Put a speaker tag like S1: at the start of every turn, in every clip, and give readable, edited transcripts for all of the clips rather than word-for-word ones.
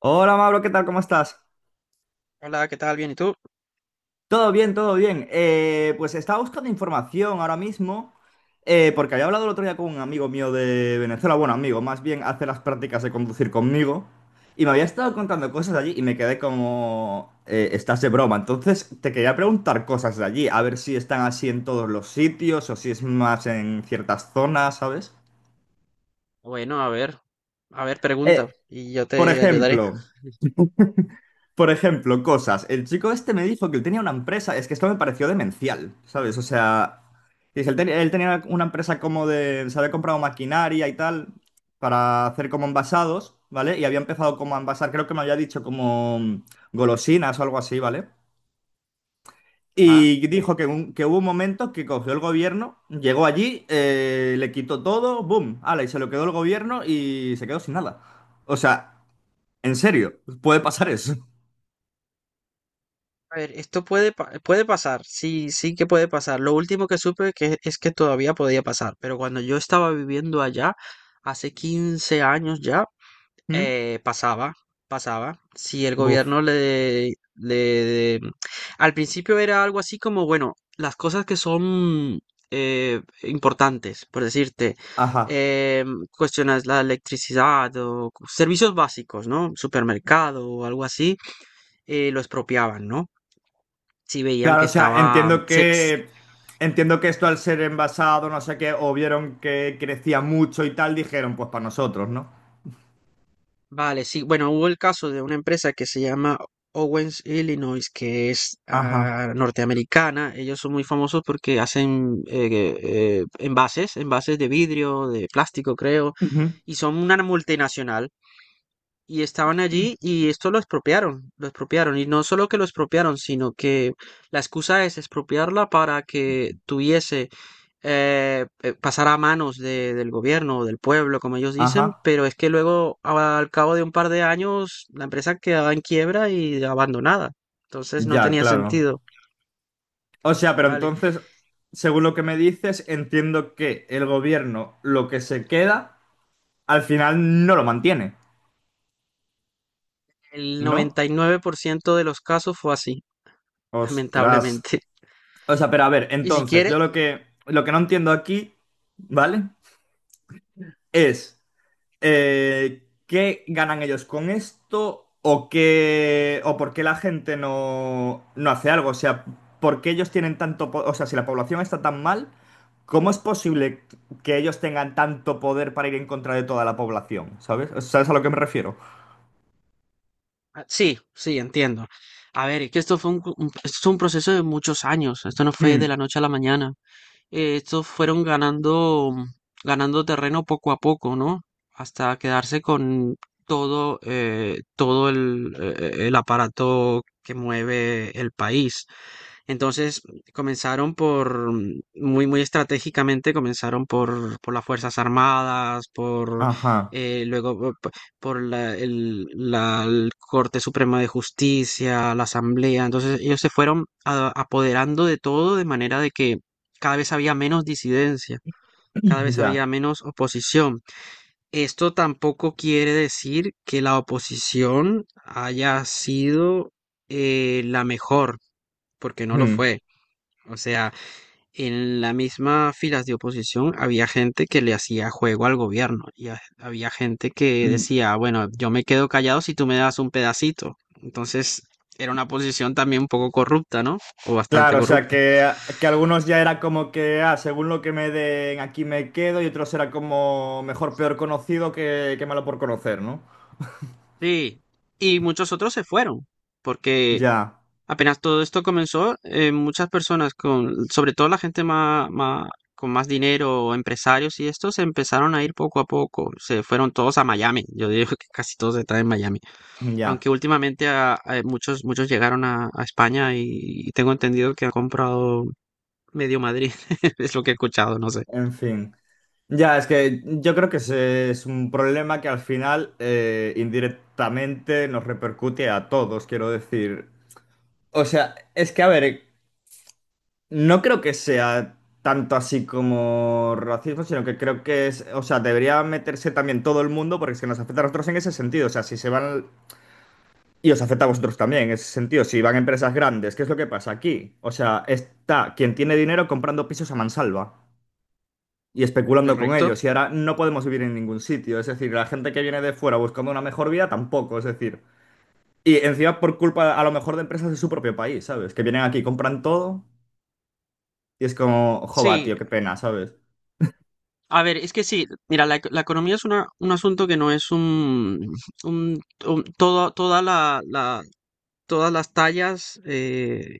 S1: Hola Mauro, ¿qué tal? ¿Cómo estás?
S2: Hola, ¿qué tal? Bien, ¿y tú?
S1: Todo bien, todo bien. Pues estaba buscando información ahora mismo, porque había hablado el otro día con un amigo mío de Venezuela, bueno, amigo, más bien hace las prácticas de conducir conmigo, y me había estado contando cosas de allí y me quedé como, estás de broma. Entonces te quería preguntar cosas de allí, a ver si están así en todos los sitios o si es más en ciertas zonas, ¿sabes?
S2: Bueno, a ver, pregunta
S1: Eh,
S2: y yo
S1: por
S2: te ayudaré.
S1: ejemplo... Por ejemplo, cosas. El chico este me dijo que él tenía una empresa. Es que esto me pareció demencial, ¿sabes? O sea, dice, él, él tenía una empresa como de. Se había comprado maquinaria y tal para hacer como envasados, ¿vale? Y había empezado como a envasar, creo que me había dicho como golosinas o algo así, ¿vale?
S2: Ajá.
S1: Y dijo que, que hubo un momento que cogió el gobierno, llegó allí, le quitó todo, ¡boom! ¡Hala! Y se lo quedó el gobierno y se quedó sin nada. O sea, en serio, puede pasar eso.
S2: A ver, esto puede, puede pasar, sí, sí que puede pasar. Lo último que supe que es que todavía podía pasar, pero cuando yo estaba viviendo allá, hace 15 años ya.
S1: ¿Mm?
S2: Pasaba, pasaba. Si el
S1: Buf.
S2: gobierno le, le... Al principio era algo así como, bueno, las cosas que son importantes, por decirte,
S1: Ajá.
S2: eh, cuestiones la electricidad o servicios básicos, ¿no? Supermercado o algo así, lo expropiaban, ¿no? Si veían
S1: Claro,
S2: que
S1: o sea,
S2: estaba... mm,
S1: entiendo
S2: se-
S1: que entiendo que esto al ser envasado, no sé qué, o vieron que crecía mucho y tal, dijeron, pues para nosotros, ¿no?
S2: Vale, sí. Bueno, hubo el caso de una empresa que se llama Owens, Illinois, que es
S1: Ajá.
S2: ah, norteamericana. Ellos son muy famosos porque hacen envases, envases de vidrio, de plástico, creo,
S1: Ujú.
S2: y son una multinacional. Y estaban allí y esto lo expropiaron, lo expropiaron. Y no solo que lo expropiaron, sino que la excusa es expropiarla para que tuviese, pasar a manos del gobierno o del pueblo, como ellos
S1: Ajá.
S2: dicen, pero es que luego al cabo de un par de años la empresa quedaba en quiebra y abandonada. Entonces no
S1: Ya,
S2: tenía
S1: claro.
S2: sentido.
S1: O sea, pero
S2: Vale,
S1: entonces, según lo que me dices, entiendo que el gobierno lo que se queda, al final no lo mantiene,
S2: el
S1: ¿no?
S2: 99% de los casos fue así,
S1: Ostras.
S2: lamentablemente.
S1: O sea, pero a ver,
S2: Y si
S1: entonces,
S2: quieres,
S1: yo lo que no entiendo aquí, ¿vale? Es. ¿Qué ganan ellos con esto? ¿O qué, o por qué la gente no, no hace algo? O sea, ¿por qué ellos tienen tanto, o sea, si la población está tan mal, ¿cómo es posible que ellos tengan tanto poder para ir en contra de toda la población? ¿Sabes? ¿Sabes a lo que me refiero?
S2: ah, sí, sí, entiendo. A ver, es que esto fue esto es un proceso de muchos años, esto no fue de la
S1: Mm,
S2: noche a la mañana. Estos fueron ganando, ganando terreno poco a poco, ¿no? Hasta quedarse con todo, todo el aparato que mueve el país. Entonces comenzaron por, muy, muy estratégicamente, comenzaron por las Fuerzas Armadas, por
S1: ajá,
S2: luego por la el Corte Suprema de Justicia, la Asamblea. Entonces ellos se fueron apoderando de todo de manera de que cada vez había menos disidencia, cada vez había
S1: ya.
S2: menos oposición. Esto tampoco quiere decir que la oposición haya sido la mejor, porque no lo
S1: Mm,
S2: fue. O sea, en la misma filas de oposición había gente que le hacía juego al gobierno y había gente que
S1: mm.
S2: decía, bueno, yo me quedo callado si tú me das un pedacito. Entonces era una posición también un poco corrupta, ¿no? O bastante
S1: Claro, o sea,
S2: corrupta.
S1: que algunos ya era como que, ah, según lo que me den, aquí me quedo, y otros era como mejor, peor conocido que malo por conocer, ¿no?
S2: Sí. Y muchos otros se fueron, porque
S1: Ya.
S2: apenas todo esto comenzó, muchas personas con, sobre todo la gente más, con más dinero, o empresarios y estos, se empezaron a ir poco a poco. Se fueron todos a Miami. Yo digo que casi todos están en Miami.
S1: Ya,
S2: Aunque últimamente muchos, muchos llegaron a España y tengo entendido que han comprado medio Madrid, es lo que he escuchado, no sé.
S1: en fin. Ya, es que yo creo que ese es un problema que al final indirectamente nos repercute a todos, quiero decir. O sea, es que, a ver, no creo que sea tanto así como racismo, sino que creo que es, o sea, debería meterse también todo el mundo porque es que nos afecta a nosotros en ese sentido. O sea, si se van, y os afecta a vosotros también en ese sentido, si van empresas grandes, ¿qué es lo que pasa aquí? O sea, está quien tiene dinero comprando pisos a mansalva y especulando con
S2: Correcto.
S1: ellos. Y ahora no podemos vivir en ningún sitio. Es decir, la gente que viene de fuera buscando una mejor vida tampoco. Es decir, y encima por culpa a lo mejor de empresas de su propio país, ¿sabes? Que vienen aquí, compran todo y es como, joba,
S2: Sí,
S1: tío, qué pena, ¿sabes?
S2: a ver, es que sí, mira, la economía es una, un asunto que no es un, todo, toda todas las tallas,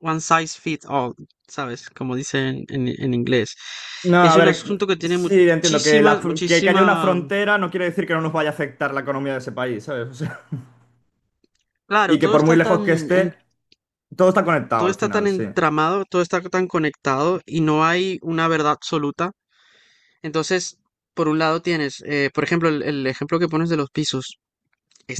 S2: one size fits all, ¿sabes? Como dicen en inglés.
S1: No, a
S2: Es un
S1: ver,
S2: asunto que tiene
S1: sí, entiendo que, la,
S2: muchísimas,
S1: fr- que haya una
S2: muchísima,
S1: frontera no quiere decir que no nos vaya a afectar la economía de ese país, ¿sabes? O sea, y
S2: claro,
S1: que
S2: todo
S1: por muy
S2: está tan,
S1: lejos que
S2: en-
S1: esté, todo está conectado
S2: todo
S1: al
S2: está tan
S1: final, sí.
S2: entramado, todo está tan conectado y no hay una verdad absoluta. Entonces, por un lado tienes, por ejemplo, el ejemplo que pones de los pisos.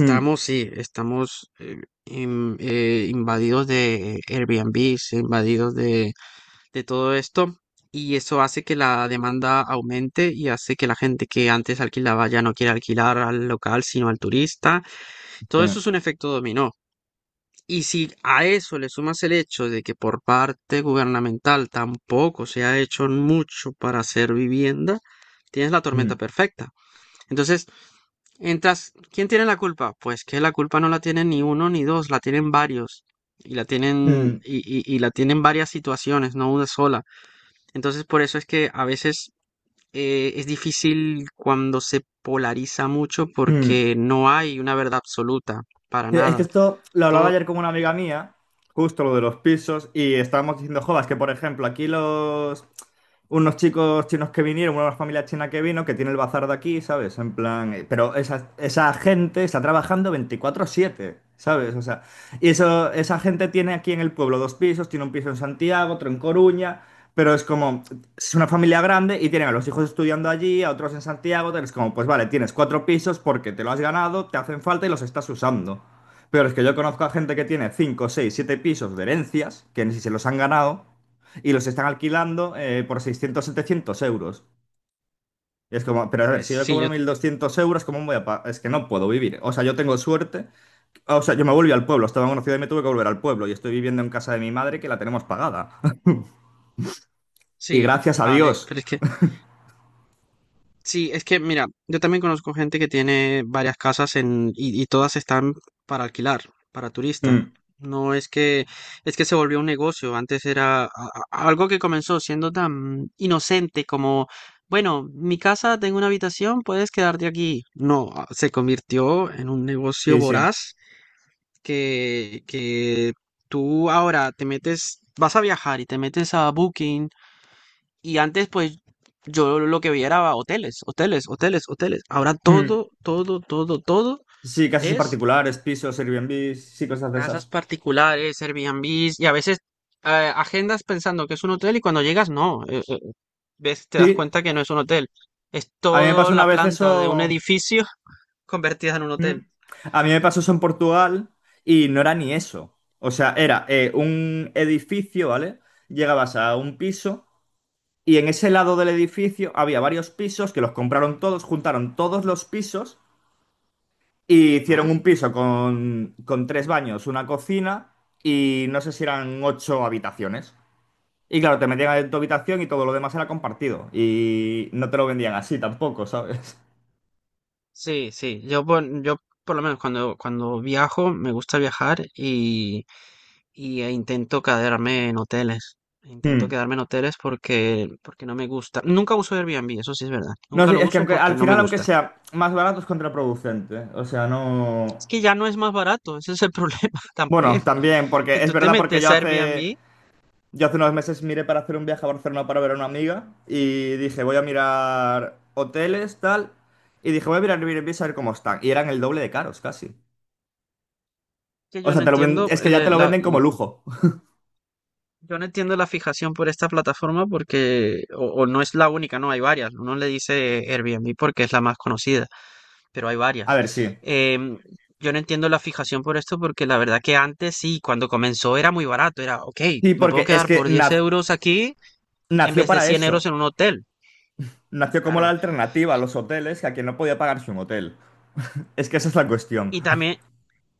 S1: Mm,
S2: sí, estamos invadidos de Airbnb, invadidos de todo esto. Y eso hace que la demanda aumente y hace que la gente que antes alquilaba ya no quiera alquilar al local, sino al turista.
S1: sí.
S2: Todo eso es un efecto dominó. Y si a eso le sumas el hecho de que por parte gubernamental tampoco se ha hecho mucho para hacer vivienda, tienes la tormenta
S1: Mm,
S2: perfecta. Entonces, entras, ¿quién tiene la culpa? Pues que la culpa no la tienen ni uno ni dos, la tienen varios. Y la tienen,
S1: mm,
S2: y la tienen varias situaciones, no una sola. Entonces, por eso es que a veces es difícil cuando se polariza mucho
S1: mm.
S2: porque no hay una verdad absoluta, para
S1: Sí, es que
S2: nada.
S1: esto lo hablaba
S2: Todo,
S1: ayer con una amiga mía, justo lo de los pisos, y estábamos diciendo, jovas, que por ejemplo, aquí los unos chicos chinos que vinieron, una familia china que vino, que tiene el bazar de aquí, ¿sabes? En plan, pero esa gente está trabajando 24/7, ¿sabes? O sea, y eso, esa gente tiene aquí en el pueblo dos pisos, tiene un piso en Santiago, otro en Coruña, pero es como, es una familia grande y tienen a los hijos estudiando allí, a otros en Santiago, tal, es como, pues vale, tienes cuatro pisos porque te lo has ganado, te hacen falta y los estás usando. Pero es que yo conozco a gente que tiene 5 6 7 pisos de herencias, que ni si se los han ganado, y los están alquilando por 600-700 euros. Y es como, pero a ver,
S2: pues
S1: si yo
S2: sí,
S1: cobro
S2: yo
S1: 1200 euros, ¿cómo voy a pagar? Es que no puedo vivir. O sea, yo tengo suerte. O sea, yo me volví al pueblo, estaba en una ciudad y me tuve que volver al pueblo, y estoy viviendo en casa de mi madre que la tenemos pagada. Y
S2: sí,
S1: gracias a
S2: vale,
S1: Dios.
S2: pero es que, sí, es que, mira, yo también conozco gente que tiene varias casas en, y todas están para alquilar, para turistas.
S1: Mm,
S2: No es que, es que se volvió un negocio, antes era algo que comenzó siendo tan inocente como, bueno, mi casa, tengo una habitación, puedes quedarte aquí. No, ah, se convirtió en un negocio
S1: sí, sí.
S2: voraz que tú ahora te metes, vas a viajar y te metes a Booking. Y antes, pues, yo lo que veía era hoteles, hoteles, hoteles, hoteles. Ahora
S1: Mm.
S2: todo
S1: Sí, casas en
S2: es
S1: particulares, pisos, Airbnb, sí, cosas de
S2: casas
S1: esas.
S2: particulares, Airbnbs y a veces agendas pensando que es un hotel y cuando llegas no, ves, te das
S1: Sí,
S2: cuenta que no es un hotel. Es
S1: a mí me pasó
S2: toda
S1: una
S2: la
S1: vez
S2: planta de un
S1: eso.
S2: edificio convertida en un
S1: Mm.
S2: hotel.
S1: A mí me pasó eso en Portugal y no era ni eso. O sea, era un edificio, ¿vale? Llegabas a un piso y en ese lado del edificio había varios pisos que los compraron todos, juntaron todos los pisos y hicieron
S2: ¿Ah?
S1: un piso con tres baños, una cocina y no sé si eran ocho habitaciones. Y claro, te metían en tu habitación y todo lo demás era compartido. Y no te lo vendían así tampoco, ¿sabes?
S2: Sí, sí. Yo por lo menos cuando, cuando viajo, me gusta viajar. Y intento quedarme en hoteles. Intento
S1: Mm.
S2: quedarme en hoteles porque, porque no me gusta. Nunca uso Airbnb, eso sí es verdad.
S1: No,
S2: Nunca
S1: sí,
S2: lo
S1: es que
S2: uso porque
S1: al
S2: no me
S1: final, aunque
S2: gusta.
S1: sea más barato, es contraproducente. O sea, no.
S2: Es que ya no es más barato, ese es el problema
S1: Bueno,
S2: también.
S1: también,
S2: Que
S1: porque es
S2: tú te
S1: verdad, porque
S2: metes a Airbnb,
S1: yo hace unos meses miré para hacer un viaje a Barcelona para ver a una amiga y dije, voy a mirar hoteles, tal. Y dije, voy a mirar Airbnb a ver cómo están. Y eran el doble de caros, casi.
S2: que
S1: O
S2: yo
S1: sea,
S2: no entiendo
S1: es que ya te lo venden como lujo.
S2: yo no entiendo la fijación por esta plataforma porque, o no es la única, no, hay varias. Uno le dice Airbnb porque es la más conocida, pero hay
S1: A
S2: varias.
S1: ver, sí.
S2: Em, yo no entiendo la fijación por esto porque la verdad que antes sí, cuando comenzó era muy barato, era, ok,
S1: Sí,
S2: me puedo
S1: porque es
S2: quedar
S1: que
S2: por 10 euros aquí en
S1: nació
S2: vez de
S1: para
S2: 100 euros
S1: eso.
S2: en un hotel,
S1: Nació como la
S2: claro.
S1: alternativa a
S2: Y,
S1: los hoteles, que a quien no podía pagarse un hotel. Es que esa es la cuestión.
S2: y también,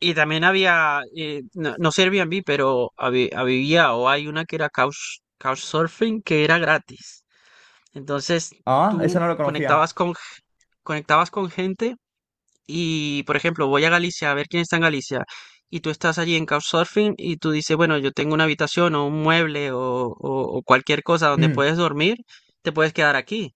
S2: y también había, no, no sé Airbnb, pero había o hay una que era couch, Couchsurfing que era gratis. Entonces
S1: Ah, esa no
S2: tú
S1: lo conocía.
S2: conectabas con, g- conectabas con gente y, por ejemplo, voy a Galicia a ver quién está en Galicia y tú estás allí en Couchsurfing y tú dices, bueno, yo tengo una habitación o un mueble o cualquier cosa donde
S1: Mm,
S2: puedes dormir, te puedes quedar aquí.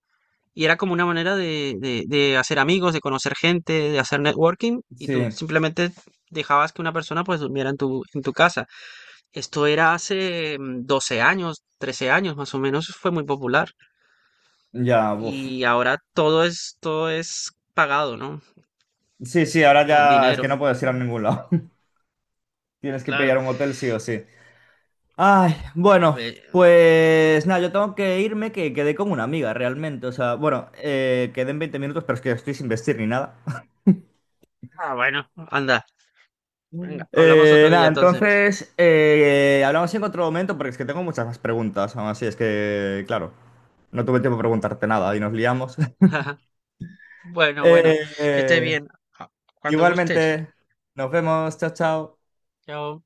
S2: Y era como una manera de, de hacer amigos, de conocer gente, de hacer networking y
S1: sí,
S2: tú simplemente dejabas que una persona pues durmiera en tu casa. Esto era hace 12 años, 13 años más o menos, fue muy popular.
S1: ya, uff.
S2: Y ahora todo es pagado, ¿no?
S1: Sí, sí, ahora
S2: Don
S1: ya es que
S2: dinero.
S1: no puedes ir a
S2: Mm,
S1: ningún lado. Tienes que
S2: claro.
S1: pillar un hotel sí o sí. Ay, bueno,
S2: Ve-
S1: pues nada, yo tengo que irme, que quedé con una amiga realmente. O sea, bueno, quedé en 20 minutos, pero es que estoy sin vestir ni nada.
S2: ah, bueno, anda. Venga, hablamos otro
S1: Nada,
S2: día entonces.
S1: entonces, hablamos en otro momento porque es que tengo muchas más preguntas. Aún así, es que, claro, no tuve tiempo de preguntarte nada y nos liamos.
S2: Bueno, bueno,
S1: Eh,
S2: que estés
S1: eh,
S2: bien. Ah, cuando gustes.
S1: Igualmente, nos vemos, chao, chao.
S2: Chao.